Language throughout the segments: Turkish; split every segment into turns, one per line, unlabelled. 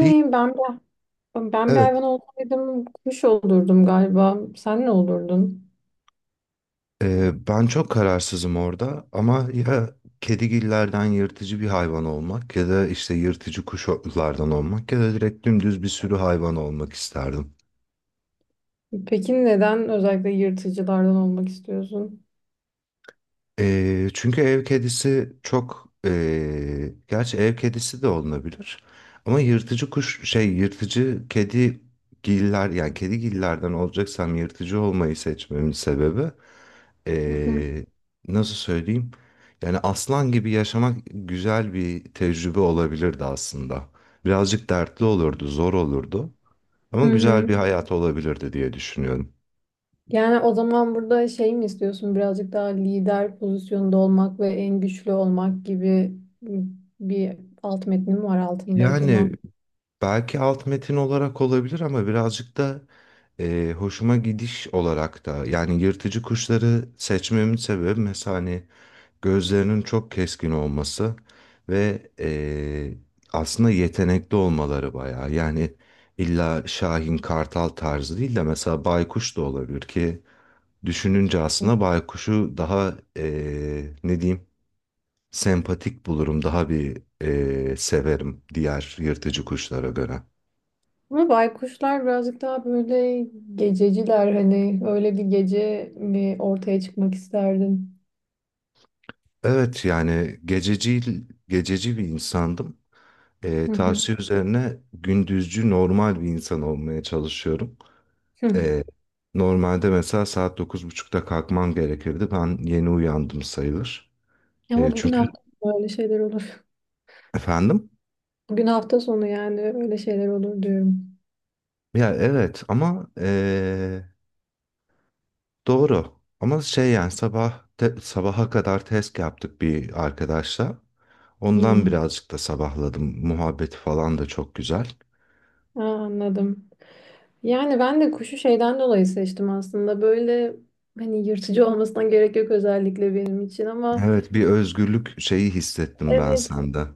Bir,
ben bir, ben bir
evet,
hayvan olsaydım kuş olurdum galiba. Sen ne olurdun?
ben çok kararsızım orada, ama ya kedigillerden yırtıcı bir hayvan olmak, ya da işte yırtıcı kuşlardan olmak, ya da direkt dümdüz bir sürü hayvan olmak isterdim.
Peki neden özellikle yırtıcılardan olmak istiyorsun?
Çünkü ev kedisi çok, gerçi ev kedisi de olunabilir, ama yırtıcı kuş şey yırtıcı kedigiller, yani kedigillerden olacaksam yırtıcı olmayı seçmemin sebebi.
Hı hı.
eee, Nasıl söyleyeyim? Yani aslan gibi yaşamak güzel bir tecrübe olabilirdi aslında. Birazcık dertli olurdu, zor olurdu.
Hı
Ama güzel
hı.
bir hayat olabilirdi diye düşünüyorum.
Yani o zaman burada şey mi istiyorsun? Birazcık daha lider pozisyonda olmak ve en güçlü olmak gibi bir alt metni mi var altında
Yani
acaba?
belki alt metin olarak olabilir, ama birazcık da hoşuma gidiş olarak da, yani yırtıcı kuşları seçmemin sebebi mesela hani gözlerinin çok keskin olması ve aslında yetenekli olmaları bayağı. Yani illa Şahin Kartal tarzı değil de mesela Baykuş da olabilir, ki düşününce aslında Baykuş'u daha ne diyeyim sempatik bulurum, daha bir severim diğer yırtıcı kuşlara göre.
Ama baykuşlar birazcık daha böyle gececiler, hani öyle bir gece mi ortaya çıkmak isterdin?
Evet, yani gececi bir insandım.
Hı hı.
Tavsiye üzerine gündüzcü normal bir insan olmaya çalışıyorum. Ee, Normalde mesela saat 9.30'da kalkmam gerekirdi. Ben yeni uyandım sayılır.
Ama bugün
Çünkü
hafta böyle şeyler olur.
efendim?
Bugün hafta sonu, yani öyle şeyler olur diyorum.
Ya evet ama doğru. Ama şey yani sabaha kadar test yaptık bir arkadaşla. Ondan
Hmm.
birazcık da sabahladım. Muhabbeti falan da çok güzel.
Aa, anladım. Yani ben de kuşu şeyden dolayı seçtim aslında. Böyle hani yırtıcı olmasına gerek yok özellikle benim için ama
Evet, bir özgürlük şeyi hissettim ben
evet.
sende.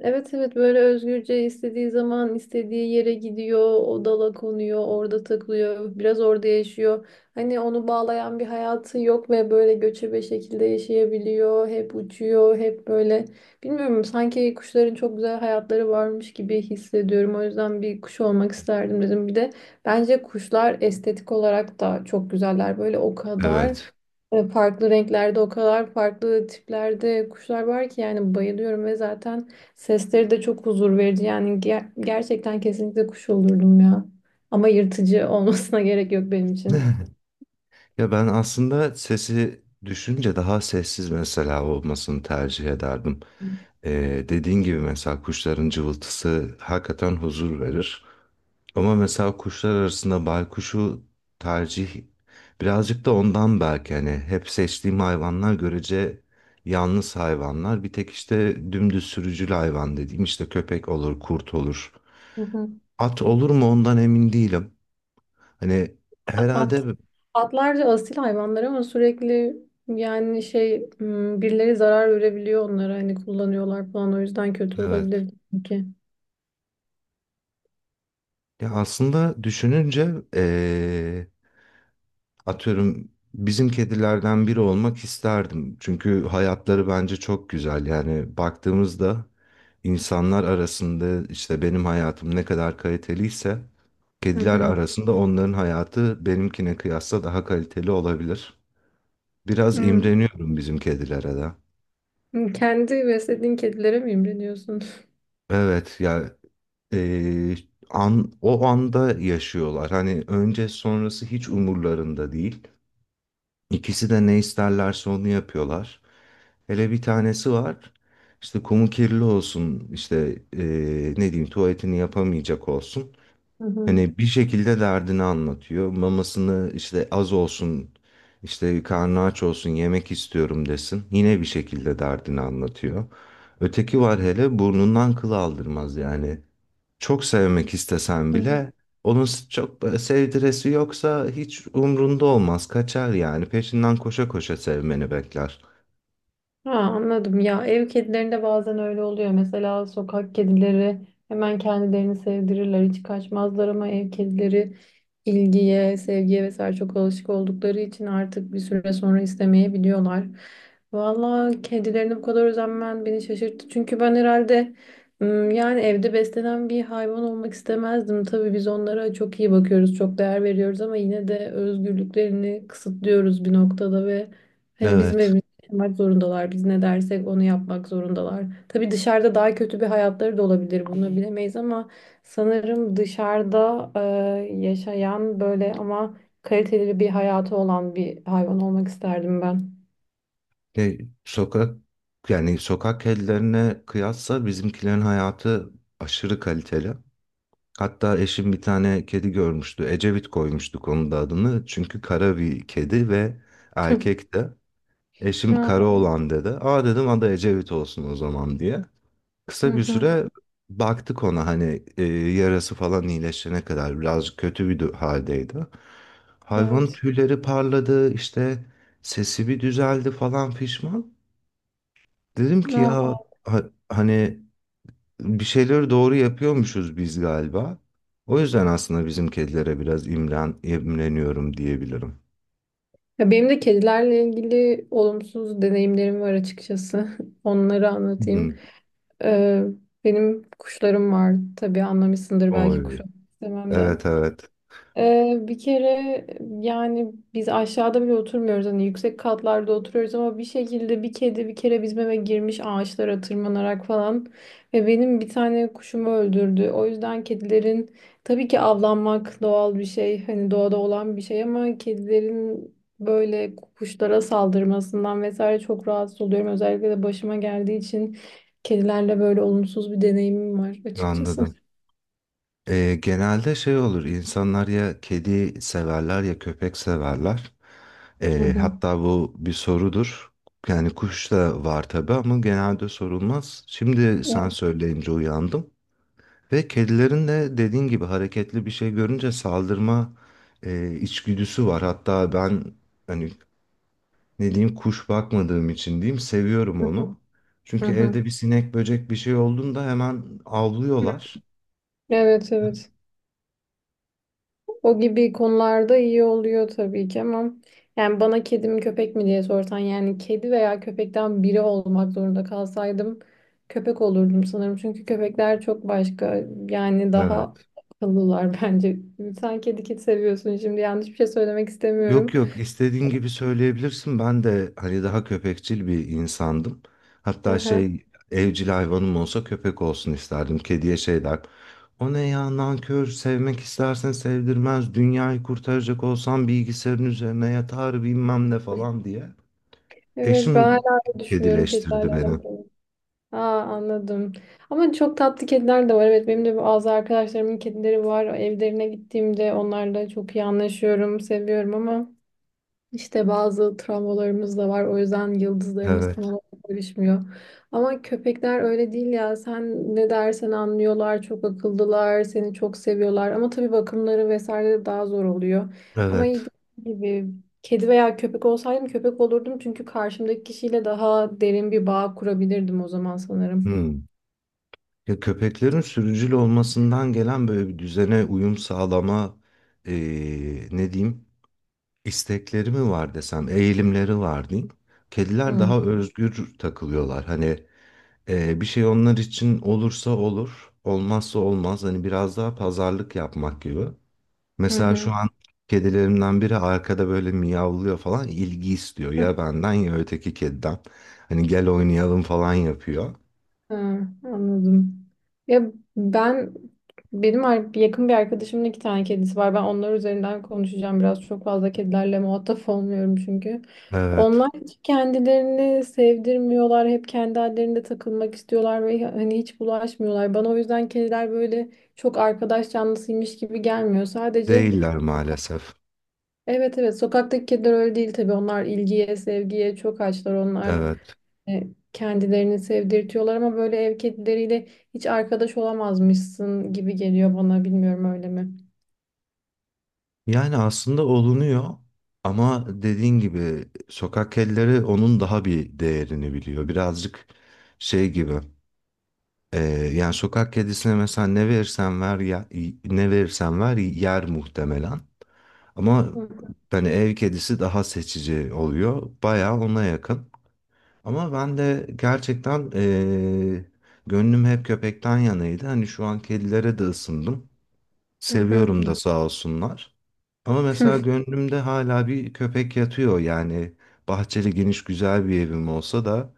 Evet evet, böyle özgürce istediği zaman istediği yere gidiyor, o dala konuyor, orada takılıyor, biraz orada yaşıyor. Hani onu bağlayan bir hayatı yok ve böyle göçebe şekilde yaşayabiliyor, hep uçuyor, hep böyle. Bilmiyorum, sanki kuşların çok güzel hayatları varmış gibi hissediyorum. O yüzden bir kuş olmak isterdim dedim. Bir de bence kuşlar estetik olarak da çok güzeller. Böyle o kadar
Evet.
farklı renklerde, o kadar farklı tiplerde kuşlar var ki yani bayılıyorum ve zaten sesleri de çok huzur verici, yani gerçekten kesinlikle kuş olurdum ya. Ama yırtıcı olmasına gerek yok benim için.
Ya ben aslında sesi düşünce daha sessiz mesela olmasını tercih ederdim. Dediğin gibi mesela kuşların cıvıltısı hakikaten huzur verir. Ama mesela kuşlar arasında baykuşu tercih, birazcık da ondan belki hani hep seçtiğim hayvanlar görece yalnız hayvanlar. Bir tek işte dümdüz sürücül hayvan dediğim işte köpek olur, kurt olur.
Hı hı.
At olur mu ondan emin değilim. Hani
At,
herhalde
atlar da asil hayvanlar ama sürekli yani birileri zarar verebiliyor onlara, hani kullanıyorlar falan, o yüzden kötü
evet.
olabilir ki.
Ya aslında düşününce atıyorum bizim kedilerden biri olmak isterdim. Çünkü hayatları bence çok güzel. Yani baktığımızda insanlar arasında işte benim hayatım ne kadar kaliteliyse
Hı
kediler
hı.
arasında onların hayatı benimkine kıyasla daha kaliteli olabilir. Biraz
Hı.
imreniyorum bizim kedilere de.
Kendi beslediğin kedilere mi imreniyorsun?
Evet ya, eee, o anda yaşıyorlar. Hani önce sonrası hiç umurlarında değil. İkisi de ne isterlerse onu yapıyorlar. Hele bir tanesi var. İşte kumu kirli olsun, işte ne diyeyim tuvaletini yapamayacak olsun.
Hı hı.
Hani bir şekilde derdini anlatıyor. Mamasını işte az olsun, işte karnı aç olsun, yemek istiyorum desin. Yine bir şekilde derdini anlatıyor. Öteki var hele burnundan kıl aldırmaz, yani çok sevmek istesen
Hı hı.
bile çok böyle sevdiresi yoksa hiç umrunda olmaz, kaçar, yani peşinden koşa koşa sevmeni bekler.
Ha, anladım. Ya ev kedilerinde bazen öyle oluyor, mesela sokak kedileri hemen kendilerini sevdirirler, hiç kaçmazlar, ama ev kedileri ilgiye, sevgiye vesaire çok alışık oldukları için artık bir süre sonra istemeyebiliyorlar. Valla kedilerine bu kadar özenmen beni şaşırttı, çünkü ben herhalde yani evde beslenen bir hayvan olmak istemezdim. Tabii biz onlara çok iyi bakıyoruz, çok değer veriyoruz ama yine de özgürlüklerini kısıtlıyoruz bir noktada ve hani bizim
Evet.
evimizde yapmak zorundalar. Biz ne dersek onu yapmak zorundalar. Tabii dışarıda daha kötü bir hayatları da olabilir, bunu bilemeyiz, ama sanırım dışarıda yaşayan, böyle ama kaliteli bir hayatı olan bir hayvan olmak isterdim ben.
E, sokak Yani sokak kedilerine kıyasla bizimkilerin hayatı aşırı kaliteli. Hatta eşim bir tane kedi görmüştü. Ecevit koymuştuk onun da adını. Çünkü kara bir kedi ve erkekti. Eşim
Hı
kara olan dedi. Aa, dedim adı Ecevit olsun o zaman diye.
hı.
Kısa bir
Hı.
süre baktık ona, hani yarası falan iyileşene kadar birazcık kötü bir haldeydi. Hayvanın
Evet.
tüyleri parladı, işte sesi bir düzeldi falan fişman. Dedim ki
Hı.
ya, hani bir şeyleri doğru yapıyormuşuz biz galiba. O yüzden aslında bizim kedilere biraz imreniyorum diyebilirim.
Ya benim de kedilerle ilgili olumsuz deneyimlerim var açıkçası. Onları
Hmm.
anlatayım. Ee, Benim kuşlarım var. Tabii anlamışsındır belki
Oy.
kuş istememden.
Evet, evet,
Bir kere yani biz aşağıda bile oturmuyoruz, hani yüksek katlarda oturuyoruz, ama bir şekilde bir kedi bir kere bizim eve girmiş ağaçlara tırmanarak falan ve benim bir tane kuşumu öldürdü. O yüzden kedilerin, tabii ki avlanmak doğal bir şey, hani doğada olan bir şey, ama kedilerin böyle kuşlara saldırmasından vesaire çok rahatsız oluyorum. Özellikle de başıma geldiği için kedilerle böyle olumsuz bir deneyimim var açıkçası.
anladım. Genelde şey olur, insanlar ya kedi severler ya köpek severler.
Hı hı.
Hatta bu bir sorudur. Yani kuş da var tabii ama genelde sorulmaz. Şimdi
Hı
sen söyleyince uyandım. Ve kedilerin de dediğin gibi hareketli bir şey görünce saldırma içgüdüsü var. Hatta ben hani ne diyeyim kuş bakmadığım için diyeyim seviyorum
hı.
onu. Çünkü
Hı
evde bir sinek, böcek, bir şey olduğunda hemen
hı.
avlıyorlar.
Evet evet. O gibi konularda iyi oluyor tabii ki, ama yani bana kedi mi köpek mi diye sorsan, yani kedi veya köpekten biri olmak zorunda kalsaydım köpek olurdum sanırım. Çünkü köpekler çok başka, yani daha
Evet.
akıllılar. Bence sen kedi seviyorsun şimdi, yanlış bir şey söylemek
Yok,
istemiyorum.
yok, istediğin gibi söyleyebilirsin. Ben de hani daha köpekçil bir insandım. Hatta
Aha.
şey, evcil hayvanım olsa köpek olsun isterdim. Kediye şey der. O ne ya, nankör, sevmek istersen sevdirmez. Dünyayı kurtaracak olsan bilgisayarın üzerine yatar bilmem ne falan diye.
Evet, ben
Eşim
hala öyle düşünüyorum kedilerle
kedileştirdi beni.
alakalı. Aa, anladım. Ama çok tatlı kediler de var. Evet, benim de bazı arkadaşlarımın kedileri var. Evlerine gittiğimde onlarla çok iyi anlaşıyorum, seviyorum, ama işte bazı travmalarımız da var. O yüzden yıldızlarımız tam
Evet.
olarak görüşmüyor. Ama köpekler öyle değil ya. Sen ne dersen anlıyorlar, çok akıllılar, seni çok seviyorlar. Ama tabii bakımları vesaire de daha zor oluyor. Ama iyi
Evet.
gibi. Kedi veya köpek olsaydım köpek olurdum, çünkü karşımdaki kişiyle daha derin bir bağ kurabilirdim o zaman sanırım.
Hmm. Ya köpeklerin sürücül olmasından gelen böyle bir düzene uyum sağlama ne diyeyim? İstekleri mi var desem, eğilimleri var diyeyim. Kediler
Hı
daha özgür takılıyorlar. Hani bir şey onlar için olursa olur, olmazsa olmaz. Hani biraz daha pazarlık yapmak gibi.
hı
Mesela
hı.
şu an kedilerimden biri arkada böyle miyavlıyor falan, ilgi istiyor. Ya benden ya öteki kediden. Hani gel oynayalım falan yapıyor.
Hı, anladım. Ya ben benim yakın bir arkadaşımın iki tane kedisi var. Ben onlar üzerinden konuşacağım biraz. Çok fazla kedilerle muhatap olmuyorum çünkü.
Evet.
Onlar hiç kendilerini sevdirmiyorlar. Hep kendi hallerinde takılmak istiyorlar ve hani hiç bulaşmıyorlar. Bana o yüzden kediler böyle çok arkadaş canlısıymış gibi gelmiyor. Sadece
Değiller maalesef.
evet evet, sokaktaki kediler öyle değil tabii, onlar ilgiye sevgiye çok açlar, onlar
Evet.
e, kendilerini sevdirtiyorlar, ama böyle ev kedileriyle hiç arkadaş olamazmışsın gibi geliyor bana, bilmiyorum, öyle mi?
Yani aslında olunuyor, ama dediğin gibi sokak kedileri onun daha bir değerini biliyor. Birazcık şey gibi. e, Yani sokak kedisine mesela ne verirsen ver yer muhtemelen. Ama hani ev kedisi daha seçici oluyor. Bayağı ona yakın. Ama ben de gerçekten gönlüm hep köpekten yanaydı. Hani şu an kedilere de ısındım.
Hı hı.
Seviyorum da sağ olsunlar. Ama mesela gönlümde hala bir köpek yatıyor. Yani bahçeli geniş güzel bir evim olsa da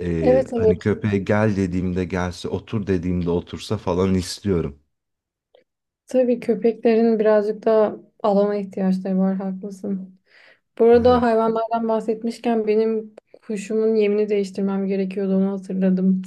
Evet
hani
evet.
köpeğe gel dediğimde gelse, otur dediğimde otursa falan istiyorum.
Tabii köpeklerin birazcık daha alana ihtiyaçları var, haklısın. Bu arada
Evet,
hayvanlardan bahsetmişken benim kuşumun yemini değiştirmem gerekiyordu, onu hatırladım.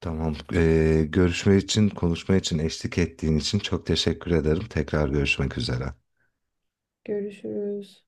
tamam. Görüşme için, konuşma için, eşlik ettiğin için çok teşekkür ederim. Tekrar görüşmek üzere.
Görüşürüz.